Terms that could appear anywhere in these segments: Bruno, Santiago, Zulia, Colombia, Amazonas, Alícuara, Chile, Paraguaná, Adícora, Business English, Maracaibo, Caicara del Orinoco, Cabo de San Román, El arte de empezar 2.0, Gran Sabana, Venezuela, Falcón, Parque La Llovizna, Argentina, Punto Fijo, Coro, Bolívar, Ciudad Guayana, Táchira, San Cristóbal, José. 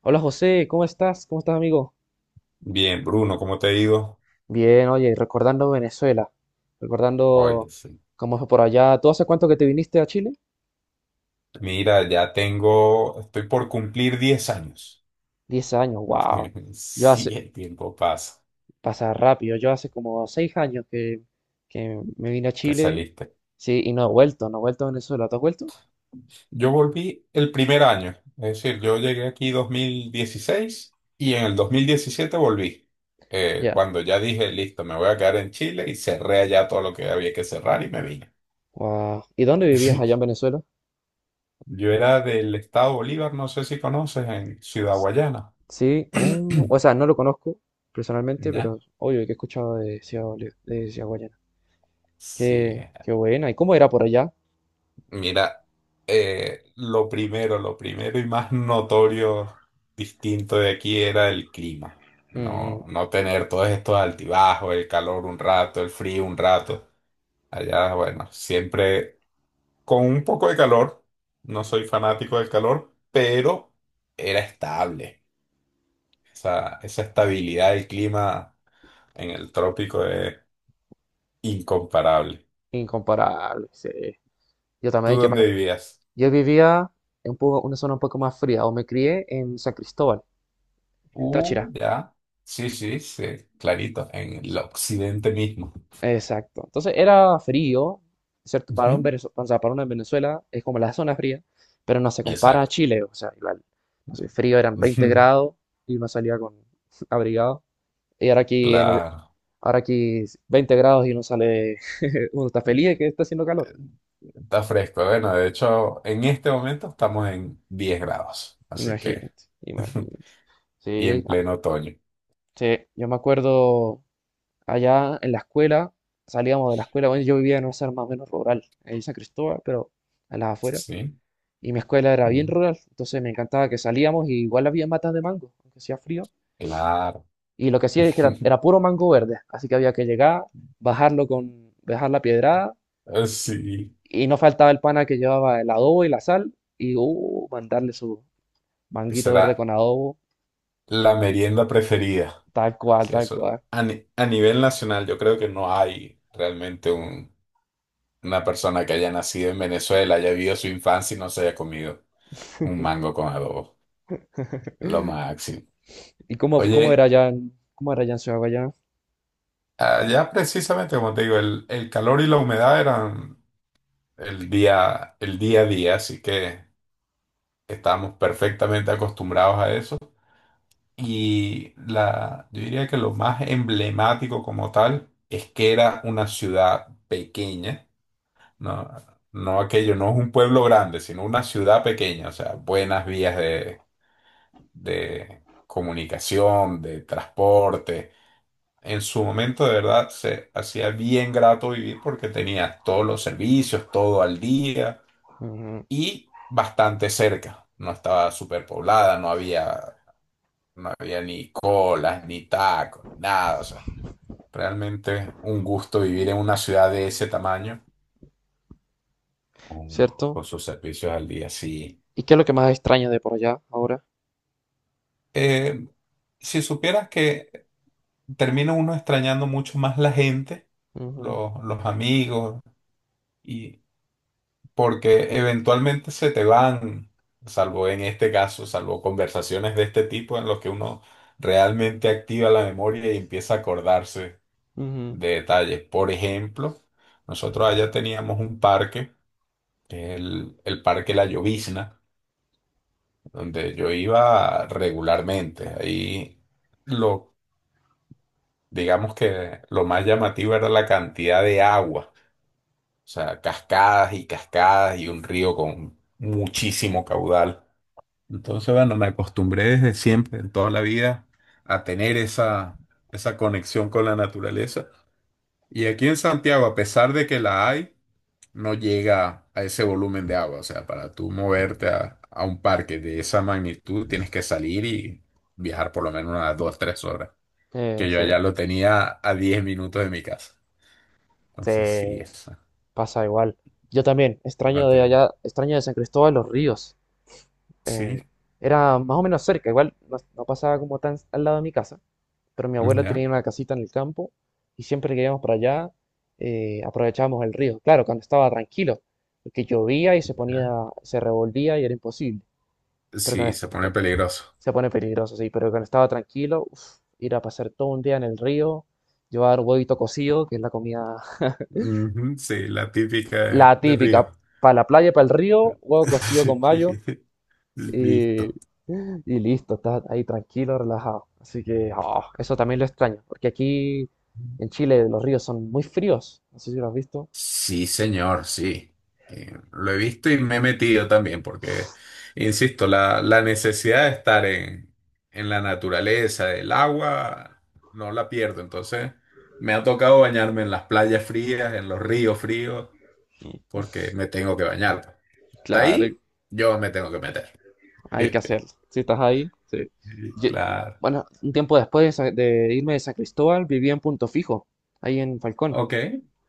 Hola José, ¿cómo estás? ¿Cómo estás, amigo? Bien, Bruno, ¿cómo te ha ido? Bien, oye, recordando Venezuela, recordando Oye, sí. cómo fue por allá. ¿Tú hace cuánto que te viniste a Chile? Mira, estoy por cumplir 10 años. 10 años, wow. Yo Sí, hace, el tiempo pasa pasa rápido, yo hace como 6 años que me vine a que Chile, saliste. sí, y no he vuelto, no he vuelto a Venezuela. ¿Tú has vuelto? Yo volví el primer año, es decir, yo llegué aquí 2016 y en el 2017 volví. Ya, Cuando ya dije, listo, me voy a quedar en Chile y cerré allá todo lo que había que cerrar y me vine. wow. ¿Y dónde vivías allá en Sí. Venezuela? Yo era del estado Bolívar, no sé si conoces, en Ciudad S- Guayana. Sí, oh, o sea, no lo conozco personalmente, ¿Ya? pero obvio que he escuchado de Ciudad, de Ciudad Guayana. Sí. Qué, qué buena. ¿Y cómo era por allá? Mira, lo primero y más notorio distinto de aquí era el clima. Mm. No tener todos estos altibajos, el calor un rato, el frío un rato. Allá, bueno, siempre con un poco de calor. No soy fanático del calor, pero era estable. Esa estabilidad del clima en el trópico es incomparable. Incomparable, sí. Yo ¿Tú también, dónde vivías? yo vivía en una zona un poco más fría, o me crié en San Cristóbal, en Táchira. Ya. Sí, sí, sí, clarito, en el occidente mismo. Exacto. Entonces era frío, ¿cierto? Para un Ujú, o sea, para uno en Venezuela es como la zona fría, pero no se compara a exacto. Chile, o sea, igual, no sé, frío eran 20 Ujú, grados y uno salía con abrigado. Y ahora aquí en claro, ahora aquí es 20 grados y uno sale, uno está feliz de que está haciendo calor. está fresco. Bueno, de hecho, en este momento estamos en 10 grados, así que, Imagínate, imagínate. y Sí, en ah, pleno otoño. sí, yo me acuerdo. Allá en la escuela, salíamos de la escuela, bueno, yo vivía en una zona más o menos rural, en San Cristóbal, pero a las afueras. Sí, Y mi escuela era bien ujú, rural, entonces me encantaba que salíamos y igual había matas de mango, aunque hacía frío. claro. Y lo que hacía es que era puro mango verde, así que había que llegar, bajar la piedrada, Sí, y no faltaba el pana que llevaba el adobo y la sal, y mandarle su manguito verde será con adobo, la merienda preferida. tal cual, Sí, tal eso. cual. A, ni- A nivel nacional, yo creo que no hay realmente una persona que haya nacido en Venezuela, haya vivido su infancia y no se haya comido un mango con adobo. Lo máximo. ¿Y cómo era Oye, cómo era allá en Ciudad Guayana? allá precisamente, como te digo, el calor y la humedad eran el día a día, así que estábamos perfectamente acostumbrados a eso. Yo diría que lo más emblemático como tal es que era una ciudad pequeña, ¿no? No aquello, no es un pueblo grande, sino una ciudad pequeña, o sea, buenas vías de comunicación, de transporte. En su momento, de verdad, se hacía bien grato vivir porque tenías todos los servicios, todo al día Ujú. y bastante cerca. No estaba superpoblada, no había ni colas, ni tacos, ni nada. O sea, realmente un gusto vivir en una ciudad de ese tamaño con, ¿Cierto? con sus servicios al día. Sí. ¿Y qué es lo que más extraña de por allá ahora? Eh, si supieras que termina uno extrañando mucho más la gente, Ujú, los amigos, y porque eventualmente se te van, salvo en este caso, salvo conversaciones de este tipo en los que uno realmente activa la memoria y empieza a acordarse ujú. de detalles. Por ejemplo, nosotros allá teníamos un parque, el Parque La Llovizna, donde yo iba regularmente. Ahí lo, digamos que lo más llamativo era la cantidad de agua. O sea, cascadas y cascadas y un río con muchísimo caudal. Entonces, bueno, me acostumbré desde siempre, en toda la vida, a tener esa conexión con la naturaleza. Y aquí en Santiago, a pesar de que la hay, no llega a ese volumen de agua. O sea, para tú moverte a un parque de esa magnitud, tienes que salir y viajar por lo menos unas dos, tres horas. Que yo allá Sí, lo tenía a 10 minutos de mi casa. Entonces, sí, te esa. pasa igual. Yo también, No extraño de te- allá, extraño de San Cristóbal los Ríos. Sí, Eh, era más o menos cerca, igual no, no pasaba como tan al lado de mi casa, pero mi abuela tenía ya. una casita en el campo y siempre que íbamos para allá aprovechábamos el río. Claro, cuando estaba tranquilo, porque llovía y se ponía, ¿Ya? se revolvía y era imposible. Pero Sí, se pone peligroso. se pone peligroso, sí, pero cuando estaba tranquilo, uf, ir a pasar todo un día en el río, llevar huevito cocido, que es la comida, Ujú, sí, la típica de, la de Río. típica, para la playa, para el río, huevo cocido con mayo Listo. y listo, estás ahí tranquilo, relajado. Así que ah, eso también lo extraño, porque aquí en Chile los ríos son muy fríos, no sé si lo has visto. Sí, señor, sí. Lo he visto y me he metido también, porque, insisto, la necesidad de estar en la naturaleza, el agua, no la pierdo. Entonces, me ha tocado bañarme en las playas frías, en los ríos fríos, porque me tengo que bañar. Está Claro, ahí, yo me tengo que meter. hay que hacerlo. Si estás ahí, sí. Yo- Claro. bueno, un tiempo después de irme de San Cristóbal, viví en Punto Fijo, ahí en Falcón. Ok,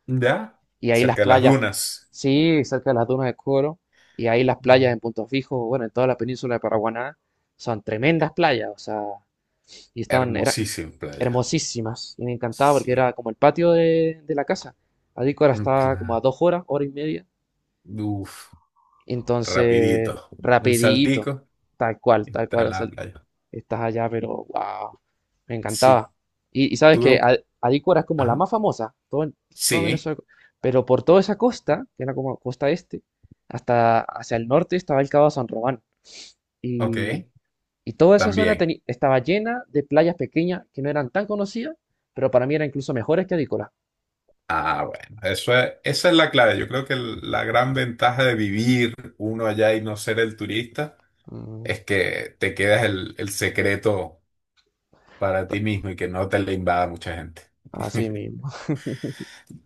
ya, Y ahí las cerca de las playas, dunas. sí, cerca de las dunas de Coro, y ahí las Mm. playas en Punto Fijo, bueno, en toda la península de Paraguaná, son tremendas playas, o sea, eran Hermosísima playa. hermosísimas, y me encantaba porque Sí, era como el patio de la casa. Adícora un está como a pla- 2 horas, hora y media, uf, entonces, rapidito. Un rapidito, saltico y tal está cual, en o sea, la playa. estás allá, pero wow, me Sí, encantaba. Y sabes que tuve. Alícuara es como la Ajá. más famosa, todo, todo Sí, Venezuela, pero por toda esa costa, que era como costa este, hasta hacia el norte estaba el Cabo de San Román. ok, Y, y toda esa zona también. Estaba llena de playas pequeñas que no eran tan conocidas, pero para mí eran incluso mejores que Alícuara. Ah, bueno, esa es la clave. Yo creo que la gran ventaja de vivir uno allá y no ser el turista Mm, es que te quedas el secreto para ti ta- mismo y que no te le invada mucha gente. así mismo.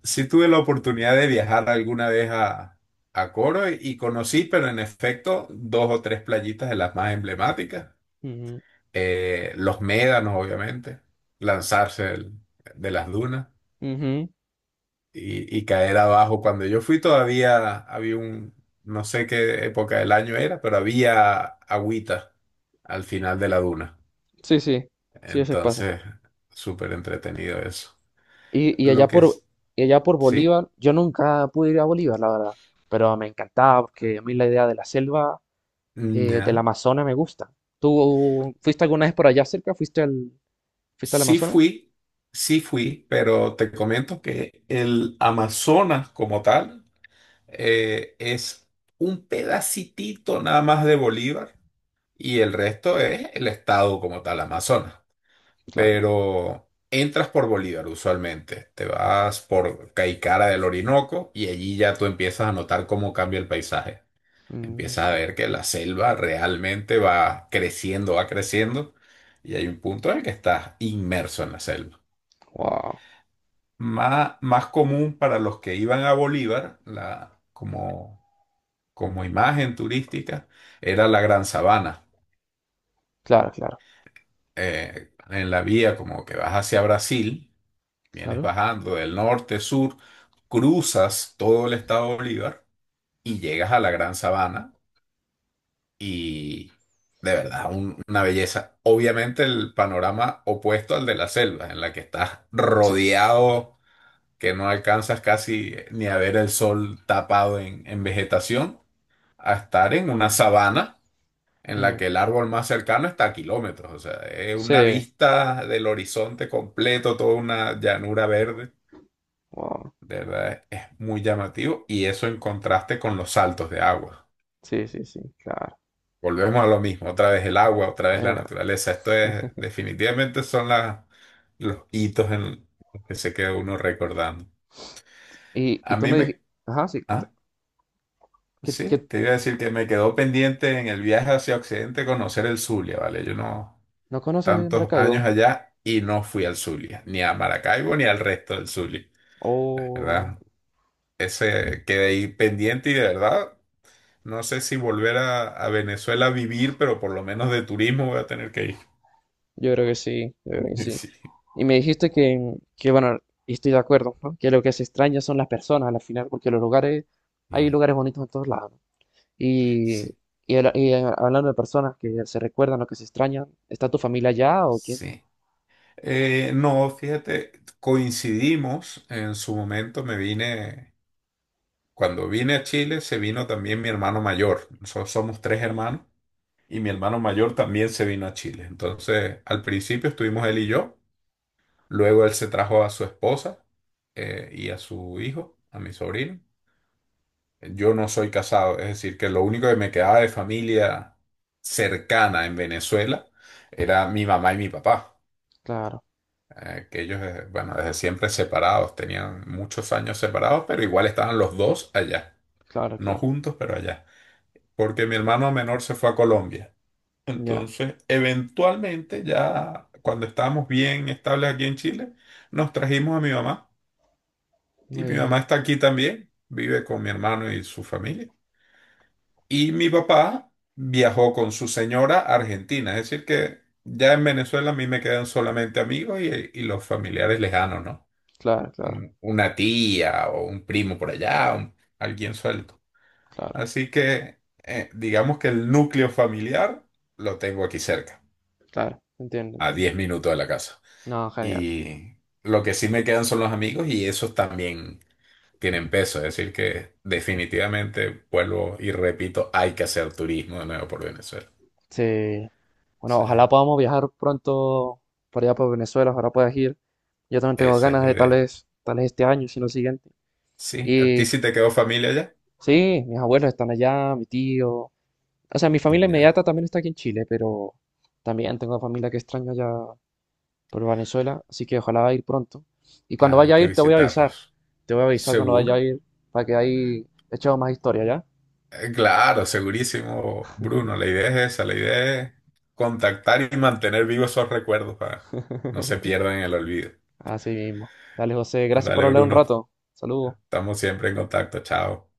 Sí tuve la oportunidad de viajar alguna vez a Coro y conocí, pero en efecto, dos o tres playitas de las más emblemáticas. Ujú, Los médanos, obviamente, lanzarse de las dunas ujú. y caer abajo. Cuando yo fui todavía había un, no sé qué época del año era, pero había agüita al final de la duna. Sí, sí, sí, a veces pasa. Entonces, súper entretenido eso. Y, y Lo allá que por, es, y allá por sí, Bolívar, yo nunca pude ir a Bolívar, la verdad, pero me encantaba porque a mí la idea de la selva, del ya. Amazonas me gusta. ¿Tú fuiste alguna vez por allá cerca? ¿Fuiste fuiste al Sí Amazonas? fui, sí fui, pero te comento que el Amazonas como tal es un pedacitito nada más de Bolívar y el resto es el estado como tal, Amazonas. Claro. Pero entras por Bolívar usualmente, te vas por Caicara del Orinoco y allí ya tú empiezas a notar cómo cambia el paisaje. Empiezas a Mm, ver que la selva realmente va creciendo y hay un punto en el que estás inmerso en la selva. wow. Más común para los que iban a Bolívar, como imagen turística, era la Gran Sabana. Claro, claro, En la vía como que vas hacia Brasil, vienes claro. bajando del norte, sur, cruzas todo el estado de Bolívar y llegas a la Gran Sabana y de verdad una belleza. Obviamente el panorama opuesto al de la selva, en la que estás Sí. rodeado que no alcanzas casi ni a ver el sol tapado en vegetación, a estar en una sabana en la Mm, que el árbol más cercano está a kilómetros. O sea, es una sí. vista del horizonte completo, toda una llanura verde. Wow. De verdad, es muy llamativo y eso en contraste con los saltos de agua. Sí, sí, sí, claro. Volvemos a lo mismo, otra vez el agua, otra vez la Era- naturaleza. Esto es, definitivamente son los hitos en los que se queda uno recordando. A y tú mí me me. dijiste, ajá, sí, cuenta. ¿Ah? Que Sí, te iba a decir que me quedó pendiente en el viaje hacia Occidente conocer el Zulia, ¿vale? Yo no no conoces tantos años Maracaibo? allá y no fui al Zulia, ni a Maracaibo ni al resto del Zulia, Oh, ¿verdad? Ese quedé ahí pendiente y de verdad no sé si volver a Venezuela a vivir, pero por lo menos de turismo voy a tener que ir. yo creo que sí, yo creo que sí. Sí, Y me dijiste bueno, y estoy de acuerdo, ¿no? Que lo que se extraña son las personas al final, porque los lugares, hay sí, lugares bonitos en todos lados, ¿no? Y, sí. Y, hablando de personas que se recuerdan o que se extrañan, ¿está tu familia allá o quién? Sí. No, fíjate, coincidimos en su momento, me vine. Cuando vine a Chile, se vino también mi hermano mayor. Nosotros somos tres hermanos y mi hermano mayor también se vino a Chile. Entonces, al principio estuvimos él y yo. Luego él se trajo a su esposa y a su hijo, a mi sobrino. Yo no soy casado, es decir, que lo único que me quedaba de familia cercana en Venezuela era mi mamá y mi papá. Claro, Que ellos, bueno, desde siempre separados, tenían muchos años separados, pero igual estaban los dos allá. claro, No claro, juntos, pero allá, porque mi hermano menor se fue a Colombia. ya, Entonces, eventualmente, ya cuando estábamos bien estables aquí en Chile, nos trajimos a mi mamá. Y mi eh, mamá está aquí también, vive con mi hermano y su familia. Y mi papá viajó con su señora a Argentina. Es decir, que ya en Venezuela a mí me quedan solamente amigos y los familiares lejanos, ¿no? claro, claro, Una tía o un primo por allá, alguien suelto. claro, Así que digamos que el núcleo familiar lo tengo aquí cerca, claro, entiendo, a entiendo. 10 minutos de la casa. No, genial. Y lo que sí me quedan son los amigos y esos también tienen peso. Es decir, que definitivamente vuelvo y repito, hay que hacer turismo de nuevo por Venezuela. Sí. Bueno, Sí, ojalá podamos viajar pronto por allá por Venezuela, ojalá puedas ir. Yo también tengo esa es ganas la de idea. Tal vez este año, si no el siguiente. Sí, ¿a ti Y sí te quedó familia ya? sí, mis abuelos están allá, mi tío. O sea, mi familia Ya, inmediata también está aquí en Chile, pero también tengo familia que extraño allá por Venezuela, así que ojalá ir pronto. Y cuando claro, vaya hay a que ir te voy a avisar. visitarlos. Te voy a avisar cuando vaya a Seguro. ir para que ahí echemos más historia, ¿ya? Claro, segurísimo, Bruno. La idea es esa, la idea es contactar y mantener vivos esos recuerdos para que no se pierdan en el olvido. Así mismo. Dale, José, gracias por Dale, hablar un Bruno. rato. Saludos. Estamos siempre en contacto. Chao.